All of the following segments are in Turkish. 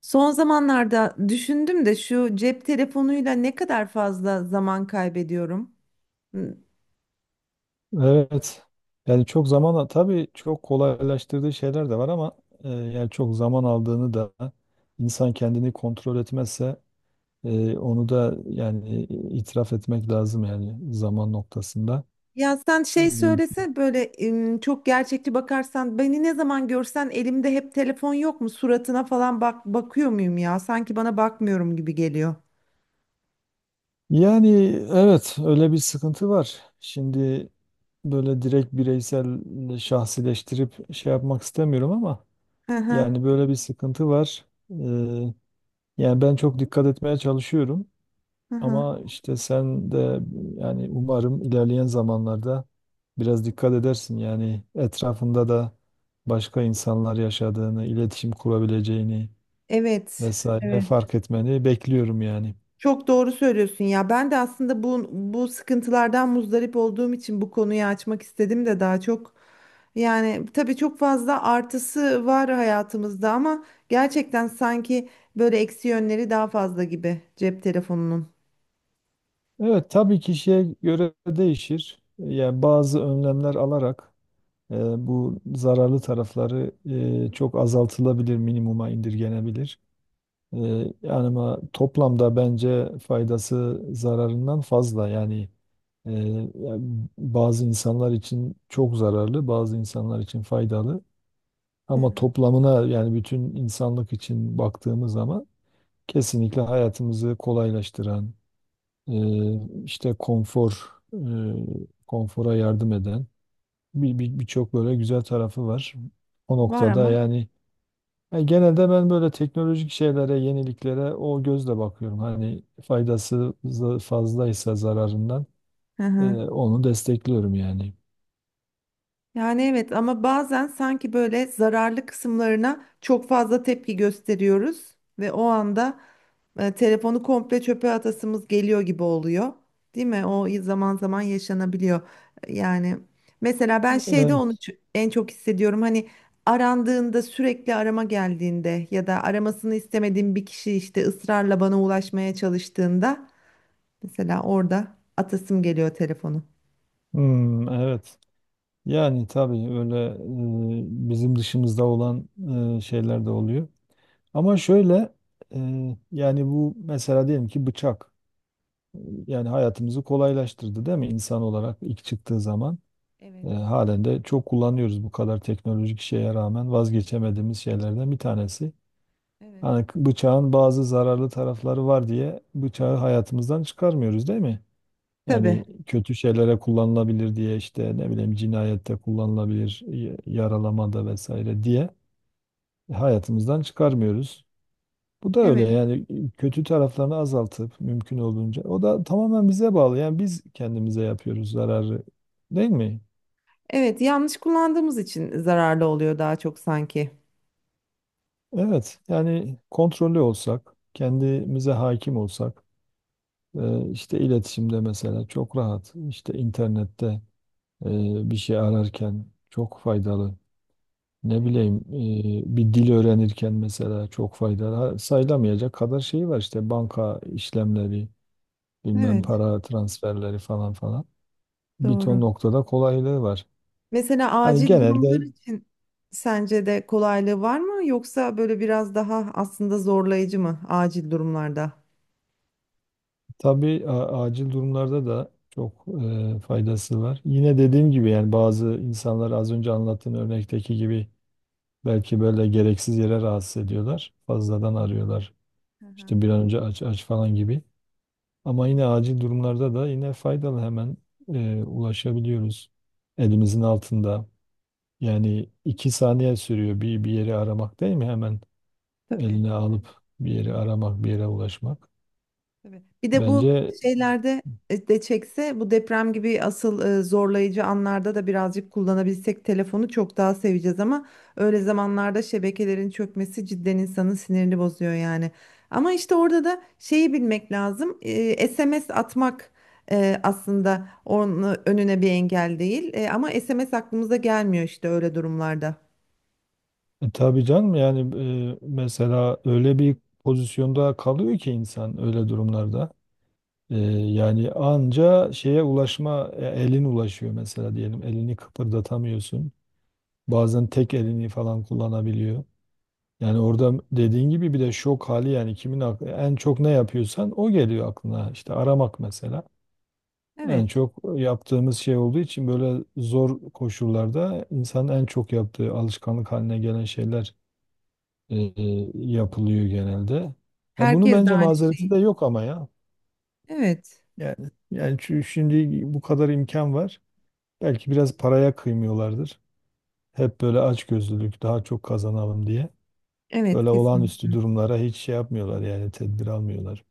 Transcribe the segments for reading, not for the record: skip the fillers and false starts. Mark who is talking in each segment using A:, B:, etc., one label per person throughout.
A: Son zamanlarda düşündüm de şu cep telefonuyla ne kadar fazla zaman kaybediyorum. Hı.
B: Evet. Yani çok zaman tabii çok kolaylaştırdığı şeyler de var ama yani çok zaman aldığını da insan kendini kontrol etmezse onu da yani itiraf etmek lazım yani zaman noktasında.
A: Ya sen çok gerçekçi bakarsan beni ne zaman görsen elimde hep telefon yok mu? Suratına falan bak bakıyor muyum ya? Sanki bana bakmıyorum gibi geliyor.
B: Yani evet, öyle bir sıkıntı var. Şimdi böyle direkt bireysel şahsileştirip şey yapmak istemiyorum ama
A: Hı hı.
B: yani böyle bir sıkıntı var. E, Yani ben çok dikkat etmeye çalışıyorum.
A: Hı hı.
B: Ama işte sen de yani umarım ilerleyen zamanlarda biraz dikkat edersin. Yani etrafında da başka insanlar yaşadığını, iletişim kurabileceğini
A: Evet,
B: vesaire
A: evet.
B: fark etmeni bekliyorum yani.
A: Çok doğru söylüyorsun ya. Ben de aslında bu sıkıntılardan muzdarip olduğum için bu konuyu açmak istedim de daha çok yani tabii çok fazla artısı var hayatımızda ama gerçekten sanki böyle eksi yönleri daha fazla gibi cep telefonunun.
B: Evet tabii kişiye göre değişir. Yani bazı önlemler alarak e, bu zararlı tarafları çok azaltılabilir, minimuma indirgenebilir. Ee, Yani ama toplamda bence faydası zararından fazla. Yani e, ya bazı insanlar için çok zararlı, bazı insanlar için faydalı. Ama
A: Hı.
B: toplamına yani bütün insanlık için baktığımız zaman kesinlikle hayatımızı kolaylaştıran, işte konfor, konfora yardım eden birçok böyle güzel tarafı var. O
A: Var
B: noktada
A: ama.
B: yani. Yani genelde ben böyle teknolojik şeylere, yeniliklere o gözle bakıyorum. Hani faydası fazlaysa zararından
A: Hı hı.
B: onu destekliyorum yani.
A: Yani evet ama bazen sanki böyle zararlı kısımlarına çok fazla tepki gösteriyoruz ve o anda telefonu komple çöpe atasımız geliyor gibi oluyor. Değil mi? O zaman zaman yaşanabiliyor. Yani mesela ben şeyde
B: Evet.
A: onu en çok hissediyorum. Hani arandığında sürekli arama geldiğinde ya da aramasını istemediğim bir kişi işte ısrarla bana ulaşmaya çalıştığında mesela orada atasım geliyor telefonu.
B: Hmm, evet. Yani tabii öyle bizim dışımızda olan şeyler de oluyor. Ama şöyle yani bu mesela diyelim ki bıçak e, yani hayatımızı kolaylaştırdı değil mi insan olarak ilk çıktığı zaman?
A: Evet,
B: E, halen de çok kullanıyoruz bu kadar teknolojik şeye rağmen vazgeçemediğimiz şeylerden bir tanesi.
A: evet.
B: Hani bıçağın bazı zararlı tarafları var diye bıçağı hayatımızdan çıkarmıyoruz değil mi?
A: Tabii.
B: Yani kötü şeylere kullanılabilir diye işte ne bileyim cinayette kullanılabilir, yaralamada vesaire diye hayatımızdan çıkarmıyoruz. Bu da öyle
A: Evet.
B: yani kötü taraflarını azaltıp mümkün olduğunca o da tamamen bize bağlı. Yani biz kendimize yapıyoruz zararı, değil mi?
A: Evet, yanlış kullandığımız için zararlı oluyor daha çok sanki.
B: Evet, yani kontrollü olsak, kendimize hakim olsak, işte iletişimde mesela çok rahat, işte internette bir şey ararken çok faydalı. Ne
A: Evet.
B: bileyim bir dil öğrenirken mesela çok faydalı. Ha, sayılamayacak kadar şey var işte banka işlemleri, bilmem
A: Evet,
B: para transferleri falan falan. Bir ton
A: doğru.
B: noktada kolaylığı var.
A: Mesela
B: Hani
A: acil durumlar
B: genelde
A: için sence de kolaylığı var mı yoksa böyle biraz daha aslında zorlayıcı mı acil durumlarda?
B: tabii acil durumlarda da çok faydası var. Yine dediğim gibi yani bazı insanlar az önce anlattığın örnekteki gibi belki böyle gereksiz yere rahatsız ediyorlar. Fazladan arıyorlar.
A: Hı hı,
B: İşte bir an önce aç aç falan gibi. Ama
A: evet,
B: yine acil durumlarda da yine faydalı, hemen ulaşabiliyoruz. Elimizin altında. Yani iki saniye sürüyor bir yeri aramak değil mi? Hemen
A: tabii.
B: eline alıp bir yeri aramak, bir yere ulaşmak.
A: Tabii. Bir de bu
B: Bence
A: şeylerde de çekse bu deprem gibi asıl zorlayıcı anlarda da birazcık kullanabilsek telefonu çok daha seveceğiz ama öyle zamanlarda şebekelerin çökmesi cidden insanın sinirini bozuyor yani. Ama işte orada da şeyi bilmek lazım. SMS atmak aslında onun önüne bir engel değil. Ama SMS aklımıza gelmiyor işte öyle durumlarda.
B: tabii canım yani mesela öyle bir pozisyonda kalıyor ki insan öyle durumlarda. E, Yani anca şeye ulaşma elin ulaşıyor mesela, diyelim elini kıpırdatamıyorsun. Bazen tek elini falan kullanabiliyor. Yani orada
A: Evet.
B: dediğin gibi bir de şok hali yani kimin aklı, en çok ne yapıyorsan o geliyor aklına. İşte aramak mesela. En
A: Evet.
B: çok yaptığımız şey olduğu için böyle zor koşullarda insanın en çok yaptığı alışkanlık haline gelen şeyler e, e, yapılıyor genelde. Ya bunu
A: Herkes de
B: bence
A: aynı
B: mazereti de
A: şeyi.
B: yok ama ya.
A: Evet.
B: Yani yani şimdi bu kadar imkan var. Belki biraz paraya kıymıyorlardır. Hep böyle açgözlülük daha çok kazanalım diye.
A: Evet,
B: Böyle
A: kesinlikle.
B: olağanüstü durumlara hiç şey yapmıyorlar yani tedbir almıyorlar.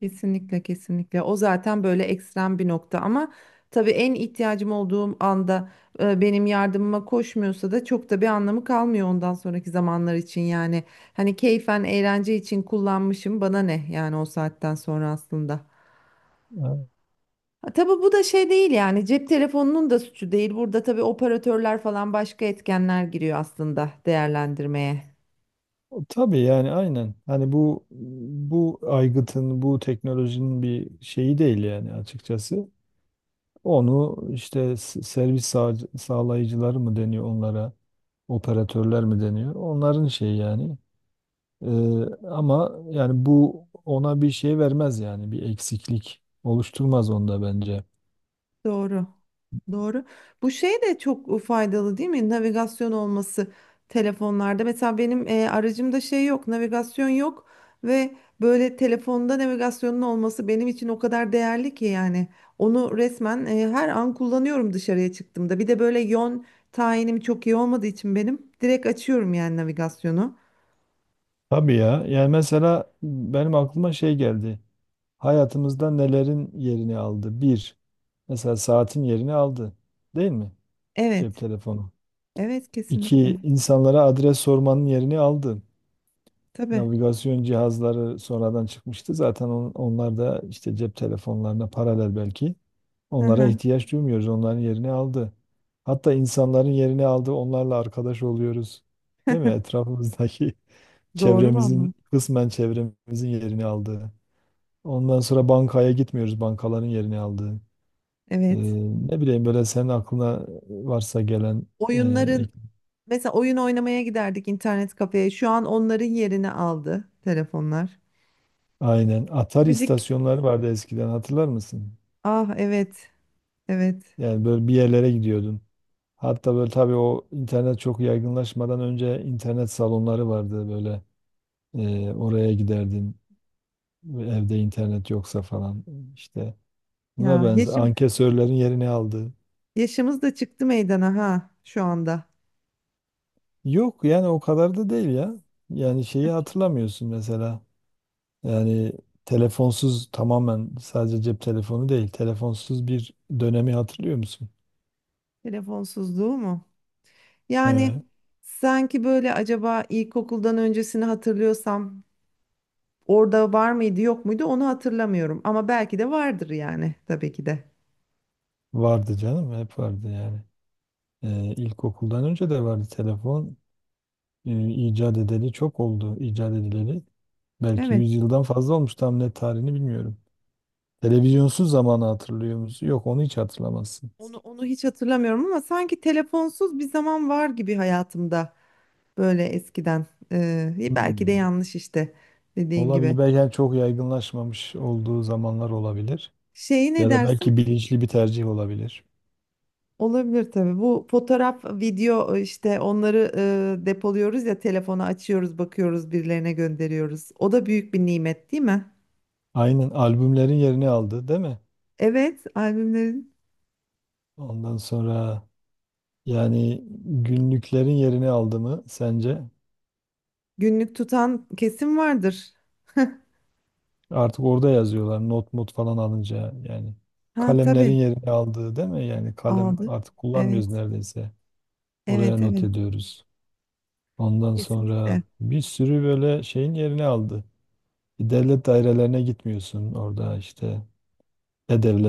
A: Kesinlikle, kesinlikle, o zaten böyle ekstrem bir nokta ama tabii en ihtiyacım olduğum anda benim yardımıma koşmuyorsa da çok da bir anlamı kalmıyor ondan sonraki zamanlar için yani hani keyfen eğlence için kullanmışım bana ne yani o saatten sonra aslında.
B: Ha,
A: Ha, tabii bu da şey değil yani cep telefonunun da suçu değil burada tabii operatörler falan başka etkenler giriyor aslında değerlendirmeye.
B: tabii yani aynen. Hani bu aygıtın, bu teknolojinin bir şeyi değil yani açıkçası. Onu işte sağlayıcıları mı deniyor onlara, operatörler mi deniyor? Onların şeyi yani. Ee, Ama yani bu ona bir şey vermez yani bir eksiklik oluşturmaz onda bence.
A: Doğru. Doğru. Bu şey de çok faydalı değil mi? Navigasyon olması telefonlarda. Mesela benim aracımda şey yok, navigasyon yok ve böyle telefonda navigasyonun olması benim için o kadar değerli ki yani. Onu resmen her an kullanıyorum dışarıya çıktığımda. Bir de böyle yön tayinim çok iyi olmadığı için benim direkt açıyorum yani navigasyonu.
B: Tabii ya. Yani mesela benim aklıma şey geldi. Hayatımızda nelerin yerini aldı? Bir, mesela saatin yerini aldı. Değil mi? Cep
A: Evet.
B: telefonu.
A: Evet, kesinlikle.
B: İki, insanlara adres sormanın yerini aldı.
A: Tabii.
B: Navigasyon cihazları sonradan çıkmıştı. Zaten onlar da işte cep telefonlarına paralel belki.
A: Hı
B: Onlara
A: hı.
B: ihtiyaç duymuyoruz. Onların yerini aldı. Hatta insanların yerini aldı. Onlarla arkadaş oluyoruz. Değil mi? Etrafımızdaki
A: Doğru
B: çevremizin,
A: vallahi.
B: kısmen çevremizin yerini aldı. Ondan sonra bankaya gitmiyoruz. Bankaların yerini aldı. Ee,
A: Evet.
B: Ne bileyim böyle senin aklına varsa gelen e, ek-
A: Oyunların. Mesela oyun oynamaya giderdik internet kafeye. Şu an onların yerini aldı telefonlar.
B: aynen. Atari
A: Müzik.
B: istasyonları vardı eskiden, hatırlar mısın?
A: Ah evet. Evet.
B: Yani böyle bir yerlere gidiyordun. Hatta böyle tabii o internet çok yaygınlaşmadan önce internet salonları vardı böyle. Oraya giderdin evde internet yoksa falan, işte buna
A: Ya
B: benzer
A: yaşım,
B: ankesörlerin yerini aldı.
A: yaşımız da çıktı meydana ha şu anda.
B: Yok yani o kadar da değil ya. Yani şeyi hatırlamıyorsun mesela. Yani telefonsuz, tamamen sadece cep telefonu değil, telefonsuz bir dönemi hatırlıyor musun?
A: Telefonsuzluğu mu? Yani
B: Ee,
A: sanki böyle acaba ilkokuldan öncesini hatırlıyorsam orada var mıydı yok muydu onu hatırlamıyorum. Ama belki de vardır yani tabii ki de.
B: Vardı canım, hep vardı yani. İlkokuldan önce de vardı telefon. İcat edeli çok oldu, icat edileli. Belki 100
A: Evet.
B: yıldan fazla olmuş, tam net tarihini bilmiyorum. Televizyonsuz zamanı hatırlıyor musun? Yok, onu hiç hatırlamazsın.
A: Onu hiç hatırlamıyorum ama sanki telefonsuz bir zaman var gibi hayatımda. Böyle eskiden. Belki de
B: Hmm.
A: yanlış işte dediğin gibi.
B: Olabilir. Belki yani çok yaygınlaşmamış olduğu zamanlar olabilir.
A: Şeyi ne
B: Ya da
A: dersin?
B: belki bilinçli bir tercih olabilir.
A: Olabilir tabii. Bu fotoğraf, video, işte onları depoluyoruz ya, telefonu açıyoruz, bakıyoruz, birilerine gönderiyoruz. O da büyük bir nimet değil mi?
B: Aynen, albümlerin yerini aldı, değil mi?
A: Evet, albümlerin.
B: Ondan sonra yani günlüklerin yerini aldı mı sence?
A: Günlük tutan kesim vardır.
B: Artık orada yazıyorlar not mut falan alınca, yani
A: Ha
B: kalemlerin
A: tabii
B: yerini aldığı değil mi? Yani kalem
A: aldı.
B: artık kullanmıyoruz
A: Evet,
B: neredeyse. Oraya
A: evet,
B: not
A: evet.
B: ediyoruz. Ondan
A: Kesinlikle.
B: sonra bir sürü böyle şeyin yerini aldı. Devlet dairelerine gitmiyorsun, orada işte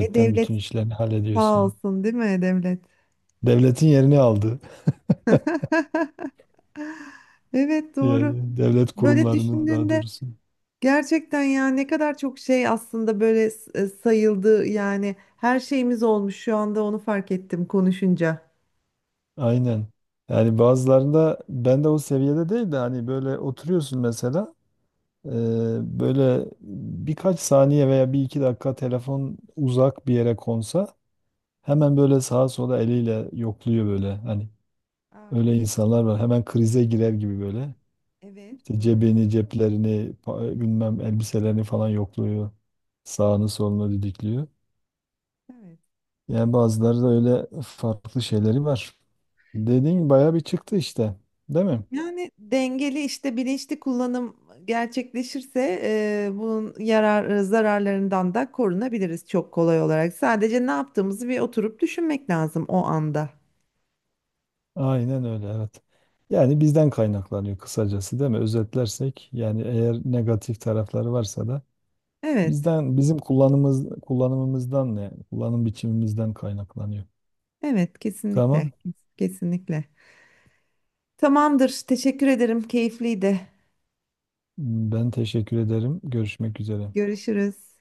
A: E devlet
B: bütün işlerini
A: sağ
B: hallediyorsun.
A: olsun değil mi e devlet?
B: Devletin yerini aldı.
A: Evet, doğru.
B: Yani devlet
A: Böyle
B: kurumlarının daha
A: düşündüğünde
B: doğrusu.
A: gerçekten ya ne kadar çok şey aslında böyle sayıldı yani her şeyimiz olmuş şu anda onu fark ettim konuşunca.
B: Aynen. Yani bazılarında ben de o seviyede değil, de hani böyle oturuyorsun mesela. Ee, Böyle birkaç saniye veya bir iki dakika telefon uzak bir yere konsa hemen böyle sağa sola eliyle yokluyor böyle. Hani
A: Ah
B: öyle
A: evet,
B: insanlar var. Hemen krize girer gibi böyle.
A: evet,
B: İşte
A: doğru.
B: cebini, ceplerini, bilmem elbiselerini falan yokluyor. Sağını solunu didikliyor.
A: Evet.
B: Yani bazıları da öyle farklı şeyleri var. Dediğin bayağı bir çıktı işte. Değil mi?
A: Yani dengeli işte bilinçli kullanım gerçekleşirse bunun yarar zararlarından da korunabiliriz çok kolay olarak. Sadece ne yaptığımızı bir oturup düşünmek lazım o anda.
B: Aynen öyle, evet. Yani bizden kaynaklanıyor kısacası değil mi? Özetlersek yani eğer negatif tarafları varsa da
A: Evet,
B: bizden, bizim kullanımız kullanımımızdan ne? Kullanım biçimimizden kaynaklanıyor.
A: evet kesinlikle,
B: Tamam.
A: kesinlikle. Tamamdır. Teşekkür ederim. Keyifliydi.
B: Ben teşekkür ederim. Görüşmek üzere.
A: Görüşürüz.